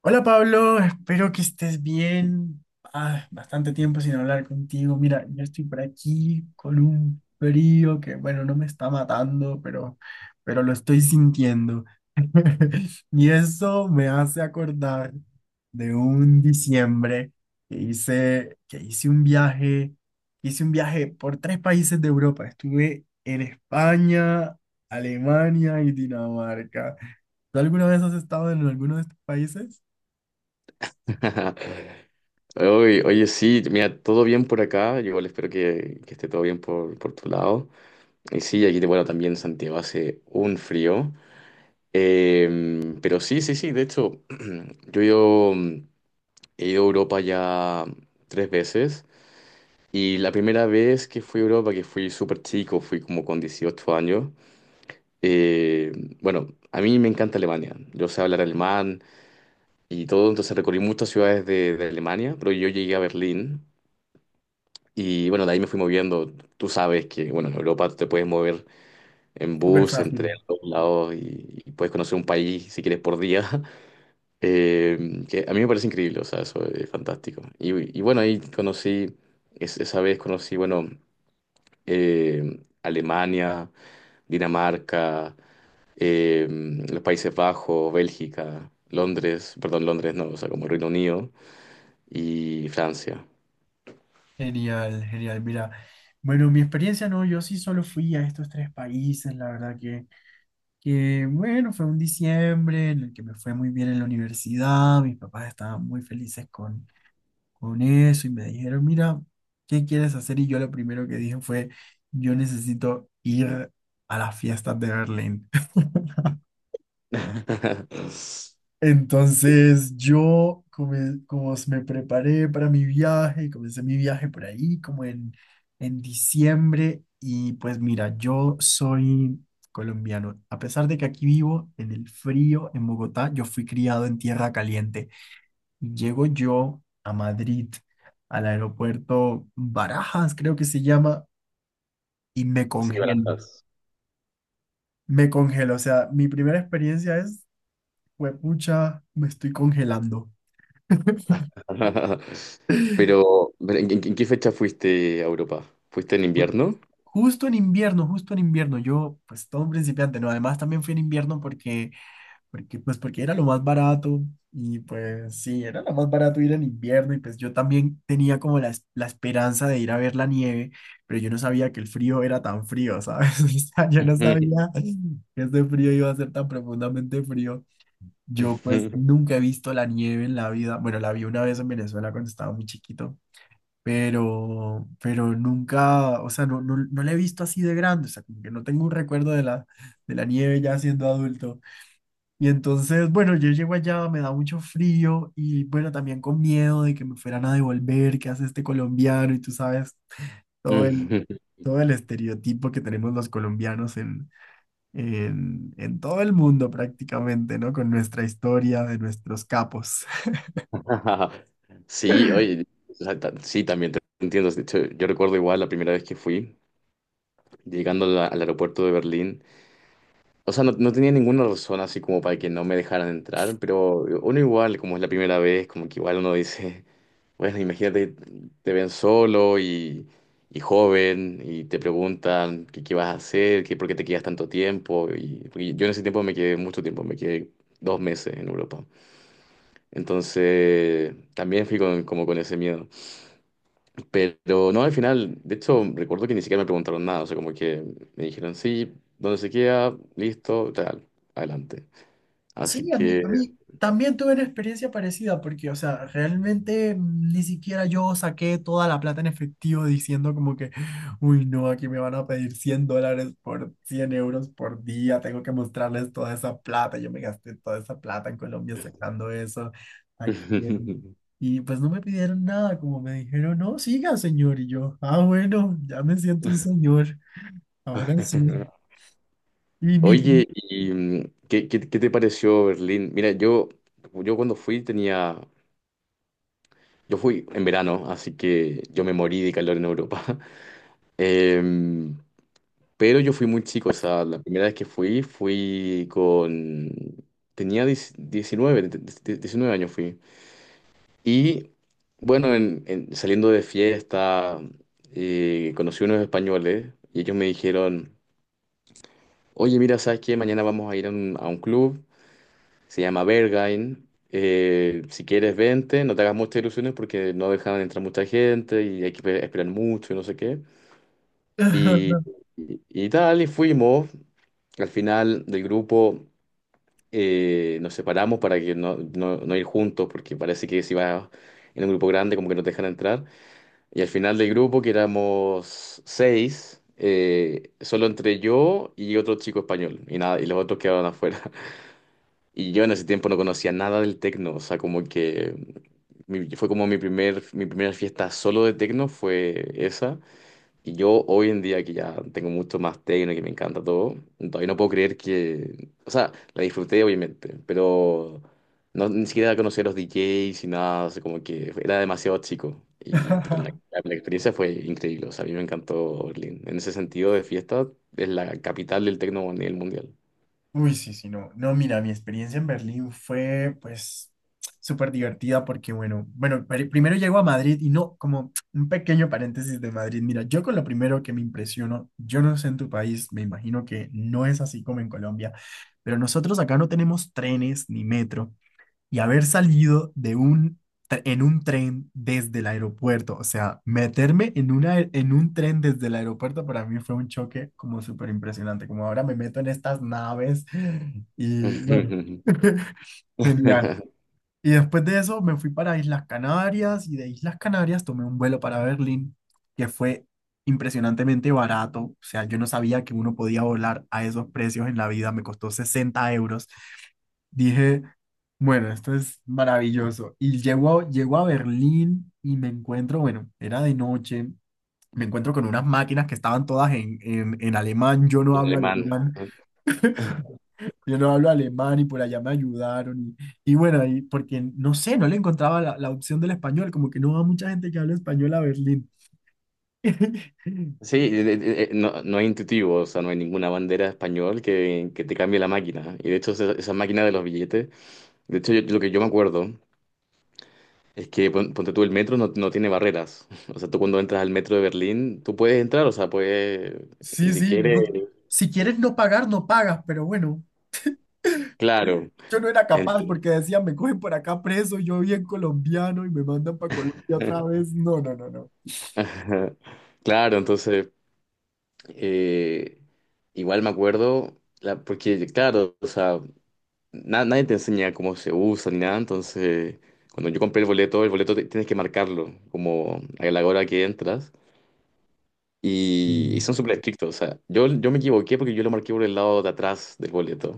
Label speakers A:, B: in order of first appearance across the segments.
A: Hola Pablo, espero que estés bien. Ah, bastante tiempo sin hablar contigo. Mira, yo estoy por aquí con un frío que, bueno, no me está matando, pero lo estoy sintiendo. Y eso me hace acordar de un diciembre que hice un viaje por tres países de Europa. Estuve en España, Alemania y Dinamarca. ¿Tú alguna vez has estado en alguno de estos países?
B: Sí, mira, todo bien por acá. Yo igual espero que esté todo bien por tu lado. Y sí, aquí, bueno, también Santiago hace un frío. Pero sí, sí, sí, de hecho, yo he ido a Europa ya tres veces. Y la primera vez que fui a Europa, que fui súper chico, fui como con 18 años. eh, bueno, a mí me encanta Alemania. Yo sé hablar alemán y todo, entonces recorrí muchas ciudades de Alemania, pero yo llegué a Berlín. Y bueno, de ahí me fui moviendo. Tú sabes que, bueno, en Europa te puedes mover en
A: Súper
B: bus, en
A: fácil.
B: tren, a todos lados y puedes conocer un país si quieres por día. Que a mí me parece increíble, o sea, eso es fantástico. Y bueno, ahí conocí, esa vez conocí, bueno, Alemania, Dinamarca, eh, los Países Bajos, Bélgica, Londres, perdón, Londres no, o sea, como Reino Unido y Francia.
A: Genial, genial. Mira, bueno, mi experiencia no, yo sí solo fui a estos tres países, la verdad que bueno, fue un diciembre en el que me fue muy bien en la universidad, mis papás estaban muy felices con eso y me dijeron, mira, ¿qué quieres hacer? Y yo lo primero que dije fue, yo necesito ir a las fiestas de Berlín. Entonces yo, como me preparé para mi viaje, comencé mi viaje por ahí, como en diciembre, y pues mira, yo soy colombiano. A pesar de que aquí vivo en el frío, en Bogotá, yo fui criado en tierra caliente. Y llego yo a Madrid, al aeropuerto Barajas, creo que se llama, y me
B: Sí,
A: congelo.
B: Barajas.
A: Me congelo, o sea, mi primera experiencia es, pucha, me estoy congelando.
B: Pero en qué fecha fuiste a Europa? ¿Fuiste en
A: Ju-
B: invierno?
A: Justo en invierno, yo pues todo un principiante, ¿no? Además también fui en invierno porque era lo más barato y pues sí, era lo más barato ir en invierno y pues yo también tenía como la esperanza de ir a ver la nieve, pero yo no sabía que el frío era tan frío, ¿sabes? O sea, yo no
B: Ujú,
A: sabía que ese frío iba a ser tan profundamente frío. Yo pues nunca he visto la nieve en la vida, bueno, la vi una vez en Venezuela cuando estaba muy chiquito pero nunca, o sea, no, no, no la he visto así de grande, o sea, como que no tengo un recuerdo de la nieve ya siendo adulto. Y entonces, bueno, yo llego allá, me da mucho frío y bueno, también con miedo de que me fueran a devolver, que hace este colombiano? Y tú sabes, todo el,
B: ujú, ujú.
A: todo el estereotipo que tenemos los colombianos en todo el mundo prácticamente, ¿no? Con nuestra historia de nuestros capos.
B: Sí, oye, sí, también te entiendo. De hecho, yo recuerdo igual la primera vez que fui, llegando a al aeropuerto de Berlín. O sea, no, no tenía ninguna razón así como para que no me dejaran entrar, pero uno igual, como es la primera vez, como que igual uno dice, bueno, imagínate, te ven solo y joven y te preguntan qué vas a hacer, qué, por qué te quedas tanto tiempo. Y, porque yo en ese tiempo me quedé mucho tiempo, me quedé dos meses en Europa. Entonces, también fui con, como con ese miedo. Pero no, al final, de hecho, recuerdo que ni siquiera me preguntaron nada, o sea, como que me dijeron, sí, ¿dónde se queda? Listo, tal, adelante. Así
A: Sí, a mí,
B: que...
A: a mí también tuve una experiencia parecida porque, o sea, realmente ni siquiera yo saqué toda la plata en efectivo diciendo como que, uy, no, aquí me van a pedir $100, por 100 € por día, tengo que mostrarles toda esa plata, yo me gasté toda esa plata en Colombia sacando eso aquí. Y pues no me pidieron nada, como me dijeron, no, siga, señor. Y yo, ah, bueno, ya me siento un señor, ahora sí. Y mi...
B: Oye, ¿y qué, qué te pareció Berlín? Mira, yo cuando fui tenía... Yo fui en verano, así que yo me morí de calor en Europa. Em, pero yo fui muy chico, o sea, la primera vez que fui, fui con... Tenía 10 19 de- 19 años fui. Y bueno, saliendo de fiesta, conocí unos españoles y ellos me dijeron... Oye, mira, ¿sabes que mañana vamos a ir a un club, se llama Berghain. Si quieres, vente, no te hagas muchas ilusiones porque no dejan entrar mucha gente y hay que esperar mucho y no sé qué. Y, y tal, y fuimos. Al final del grupo nos separamos para que no ir juntos porque parece que si vas en un grupo grande como que no te dejan entrar. Y al final del grupo, que éramos seis, solo entre yo y otro chico español y nada, y los otros quedaron afuera. Y yo en ese tiempo no conocía nada del tecno, o sea, como que fue como mi primer, mi primera fiesta solo de tecno fue esa. Y yo hoy en día que ya tengo mucho más tecno, que me encanta todo, todavía no puedo creer que, o sea, la disfruté obviamente, pero no, ni siquiera conocía los DJs y nada, o sea, como que era demasiado chico. Y, pero la, la experiencia fue increíble, o sea, a mí me encantó Berlín. En ese sentido de fiesta, es la capital del tecno a nivel mundial.
A: Uy, sí, sí, no. No, mira, mi experiencia en Berlín fue, pues, súper divertida porque, bueno, bueno, primero llego a Madrid y no, como un pequeño paréntesis de Madrid. Mira, yo con lo primero que me impresiono, yo no sé en tu país, me imagino que no es así como en Colombia, pero nosotros acá no tenemos trenes ni metro y haber salido en un tren desde el aeropuerto. O sea, meterme en un tren desde el aeropuerto para mí fue un choque como súper impresionante. Como ahora me meto en estas naves y bueno, genial. Y después de eso me fui para Islas Canarias y de Islas Canarias tomé un vuelo para Berlín que fue impresionantemente barato. O sea, yo no sabía que uno podía volar a esos precios en la vida. Me costó 60 €. Dije, bueno, esto es maravilloso. Y llego a, llego a Berlín y me encuentro, bueno, era de noche, me encuentro con unas máquinas que estaban todas en alemán. Yo no
B: El
A: hablo
B: alemán.
A: alemán,
B: ¿No?
A: yo no hablo alemán y por allá me ayudaron. Y bueno, y porque no sé, no le encontraba la, la opción del español, como que no va mucha gente que habla español a Berlín.
B: Sí, no, no es intuitivo, o sea, no hay ninguna bandera español que te cambie la máquina. ¿No? Y de hecho, esa máquina de los billetes, de hecho, lo que yo me acuerdo es que, ponte tú, el metro no, no tiene barreras. O sea, tú cuando entras al metro de Berlín, tú puedes entrar, o sea, puedes, y
A: Sí,
B: si
A: sí,
B: quieres,
A: no, si quieres no pagar, no pagas, pero bueno,
B: claro.
A: yo no era
B: Ent-
A: capaz porque decían, me cogen por acá preso, yo bien colombiano y me mandan para Colombia otra vez. No, no, no, no.
B: Claro, entonces, eh, igual me acuerdo, porque, claro, o sea... nadie te enseña cómo se usa ni nada, entonces cuando yo compré el boleto tienes que marcarlo como a la hora que entras y
A: Mm.
B: son súper estrictos, o sea, yo me equivoqué porque yo lo marqué por el lado de atrás del boleto,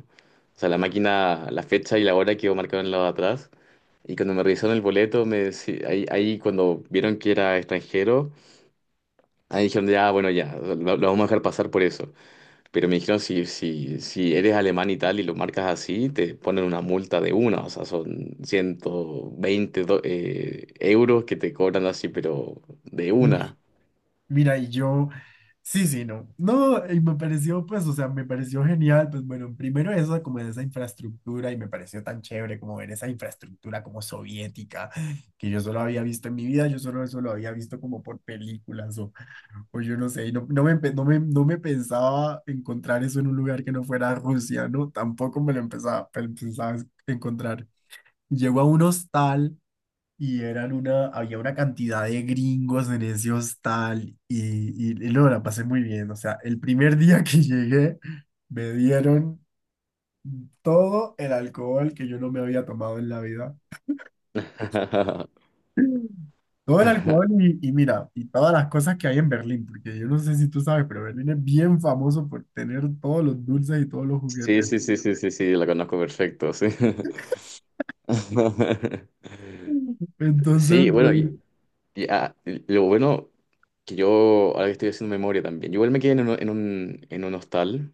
B: o sea, la máquina, la fecha y la hora quedó marcada en el lado de atrás y cuando me revisaron el boleto, ahí, ahí cuando vieron que era extranjero, ahí dijeron ya, bueno, ya, lo vamos a dejar pasar por eso. Pero me dijeron, si eres alemán y tal y lo marcas así, te ponen una multa de una, o sea, son 120 euros que te cobran así, pero de
A: Uf,
B: una.
A: mira, y yo, sí, sí, no. No, y me pareció, pues, o sea, me pareció genial, pues bueno, primero eso, como de esa infraestructura, y me pareció tan chévere como ver esa infraestructura como soviética, que yo solo había visto en mi vida, yo solo eso lo había visto como por películas o pues yo no sé, y no, no me, empe- no me, no me pensaba encontrar eso en un lugar que no fuera Rusia, ¿no? Tampoco me lo pensaba encontrar. Llego a un hostal y eran una, había una cantidad de gringos en ese hostal y no, la pasé muy bien. O sea, el primer día que llegué me dieron todo el alcohol que yo no me había tomado en la vida. Todo el alcohol y mira, y todas las cosas que hay en Berlín, porque yo no sé si tú sabes, pero Berlín es bien famoso por tener todos los dulces y todos los
B: Sí,
A: juguetes.
B: sí, sí, sí, sí, sí, la conozco perfecto, sí.
A: Entonces,
B: Sí, bueno,
A: pues,
B: ah, lo bueno que yo, ahora que estoy haciendo memoria también, yo igual me quedé en un, en un hostal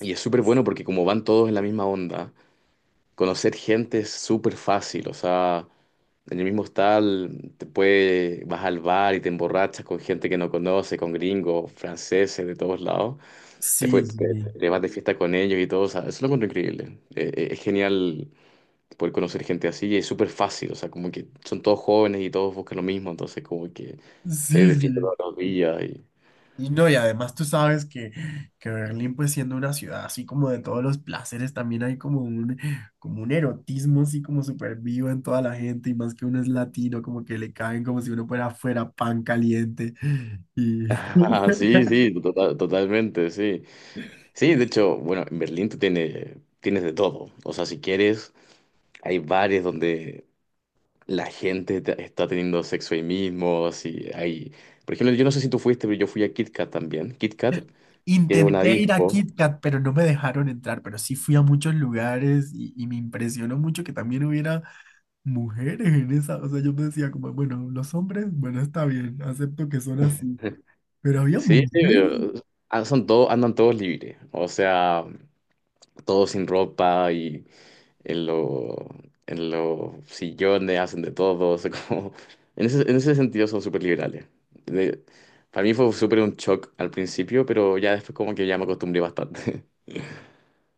B: y es súper bueno porque como van todos en la misma onda. Conocer gente es súper fácil, o sea, en el mismo hostal te puede, vas al bar y te emborrachas con gente que no conoce, con gringos, franceses de todos lados.
A: sí,
B: Después
A: sí,
B: te vas de fiesta con ellos y todo, o sea, eso lo encuentro increíble. Es genial poder conocer gente así y es súper fácil, o sea, como que son todos jóvenes y todos buscan lo mismo, entonces como que se de
A: sí,
B: fiesta
A: sí.
B: todos los días y...
A: Y no, y además tú sabes que Berlín, pues siendo una ciudad así como de todos los placeres, también hay como un erotismo así como súper vivo en toda la gente, y más que uno es latino, como que le caen como si uno fuera pan caliente. Y...
B: Ah, sí, sí, totalmente, sí. Sí, de hecho, bueno, en Berlín tú tienes, tienes de todo. O sea, si quieres, hay bares donde la gente está teniendo sexo ahí mismo, así hay... Por ejemplo, yo no sé si tú fuiste, pero yo fui a Kit Kat también. Kit Kat, que es una
A: Intenté ir a
B: disco.
A: KitKat, pero no me dejaron entrar, pero sí fui a muchos lugares y me impresionó mucho que también hubiera mujeres en esa, o sea, yo me decía como, bueno, los hombres, bueno, está bien, acepto que son así, pero había
B: Sí, sí,
A: mujeres.
B: pero, ah, son todos, andan todos libres, o sea, todos sin ropa y en lo, en los sillones hacen de todo, o sea, como, en ese sentido son súper liberales. De- para mí fue súper un shock al principio, pero ya después como que ya me acostumbré bastante.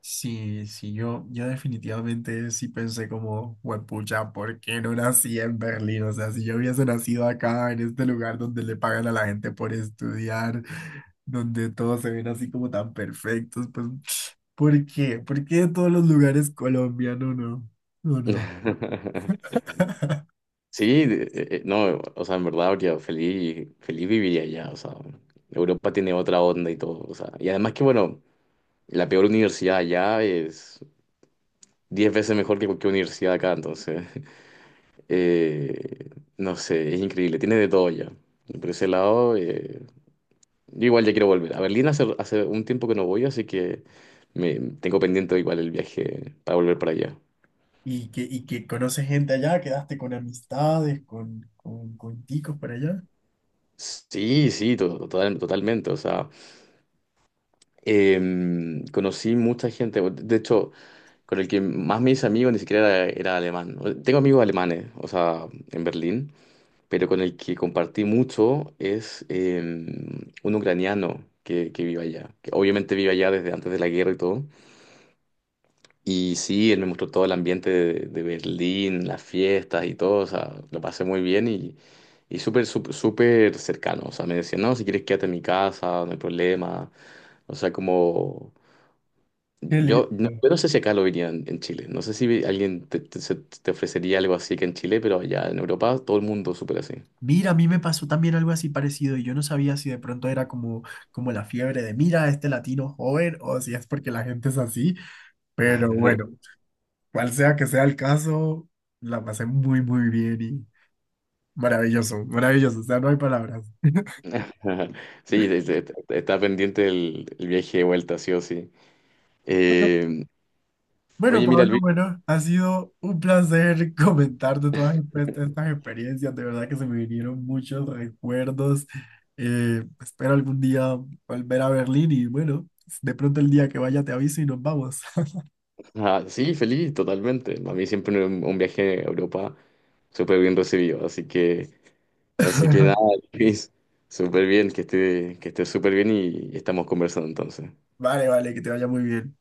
A: Sí, sí, yo definitivamente sí pensé como, huepucha, ¿por qué no nací en Berlín? O sea, si yo hubiese nacido acá, en este lugar donde le pagan a la gente por estudiar, donde todos se ven así como tan perfectos, pues, ¿por qué? ¿Por qué de todos los lugares Colombia? No, no, no, no.
B: Sí, no, o sea, en verdad habría feliz, feliz viviría allá, o sea, Europa tiene otra onda y todo, o sea, y además que, bueno, la peor universidad allá es 10 veces mejor que cualquier universidad acá, entonces, eh, no sé, es increíble, tiene de todo allá. Y por ese lado, yo igual ya quiero volver. A Berlín hace un tiempo que no voy, así que me, tengo pendiente igual el viaje para volver para allá.
A: Y que conoces gente allá, quedaste con amistades, con ticos por allá.
B: Sí, sí, totalmente, o sea... conocí mucha gente, de hecho, con el que más me hice amigo ni siquiera era alemán. Tengo amigos alemanes, o sea, en Berlín, pero con el que compartí mucho es un ucraniano que vive allá, que obviamente vive allá desde antes de la guerra y todo. Y sí, él me mostró todo el ambiente de Berlín, las fiestas y todo, o sea, lo pasé muy bien y súper, súper, súper cercano. O sea, me decía, no, si quieres quédate en mi casa, no hay problema. O sea, como...
A: Qué lindo.
B: Yo no sé si acá lo verían en Chile. No sé si alguien te ofrecería algo así que en Chile, pero allá en Europa todo el mundo súper así.
A: Mira, a mí me pasó también algo así parecido y yo no sabía si de pronto era como, como la fiebre de mira, este latino joven o si es porque la gente es así, pero bueno, cual sea que sea el caso, la pasé muy, muy bien y maravilloso, maravilloso, o sea, no hay palabras.
B: Ajá. Sí, está pendiente el viaje de vuelta, sí o sí.
A: Bueno,
B: Eh,
A: bueno,
B: oye, mira,
A: Pablo,
B: Luis.
A: bueno, ha sido un placer comentarte todas estas experiencias. De verdad que se me vinieron muchos recuerdos. Espero algún día volver a Berlín y bueno, de pronto el día que vaya te aviso y nos vamos.
B: Ah, sí, feliz, totalmente. A mí siempre un viaje a Europa súper bien recibido. Así que nada, Luis, súper bien, que esté súper bien y estamos conversando entonces.
A: Vale, vale, que te vaya muy bien.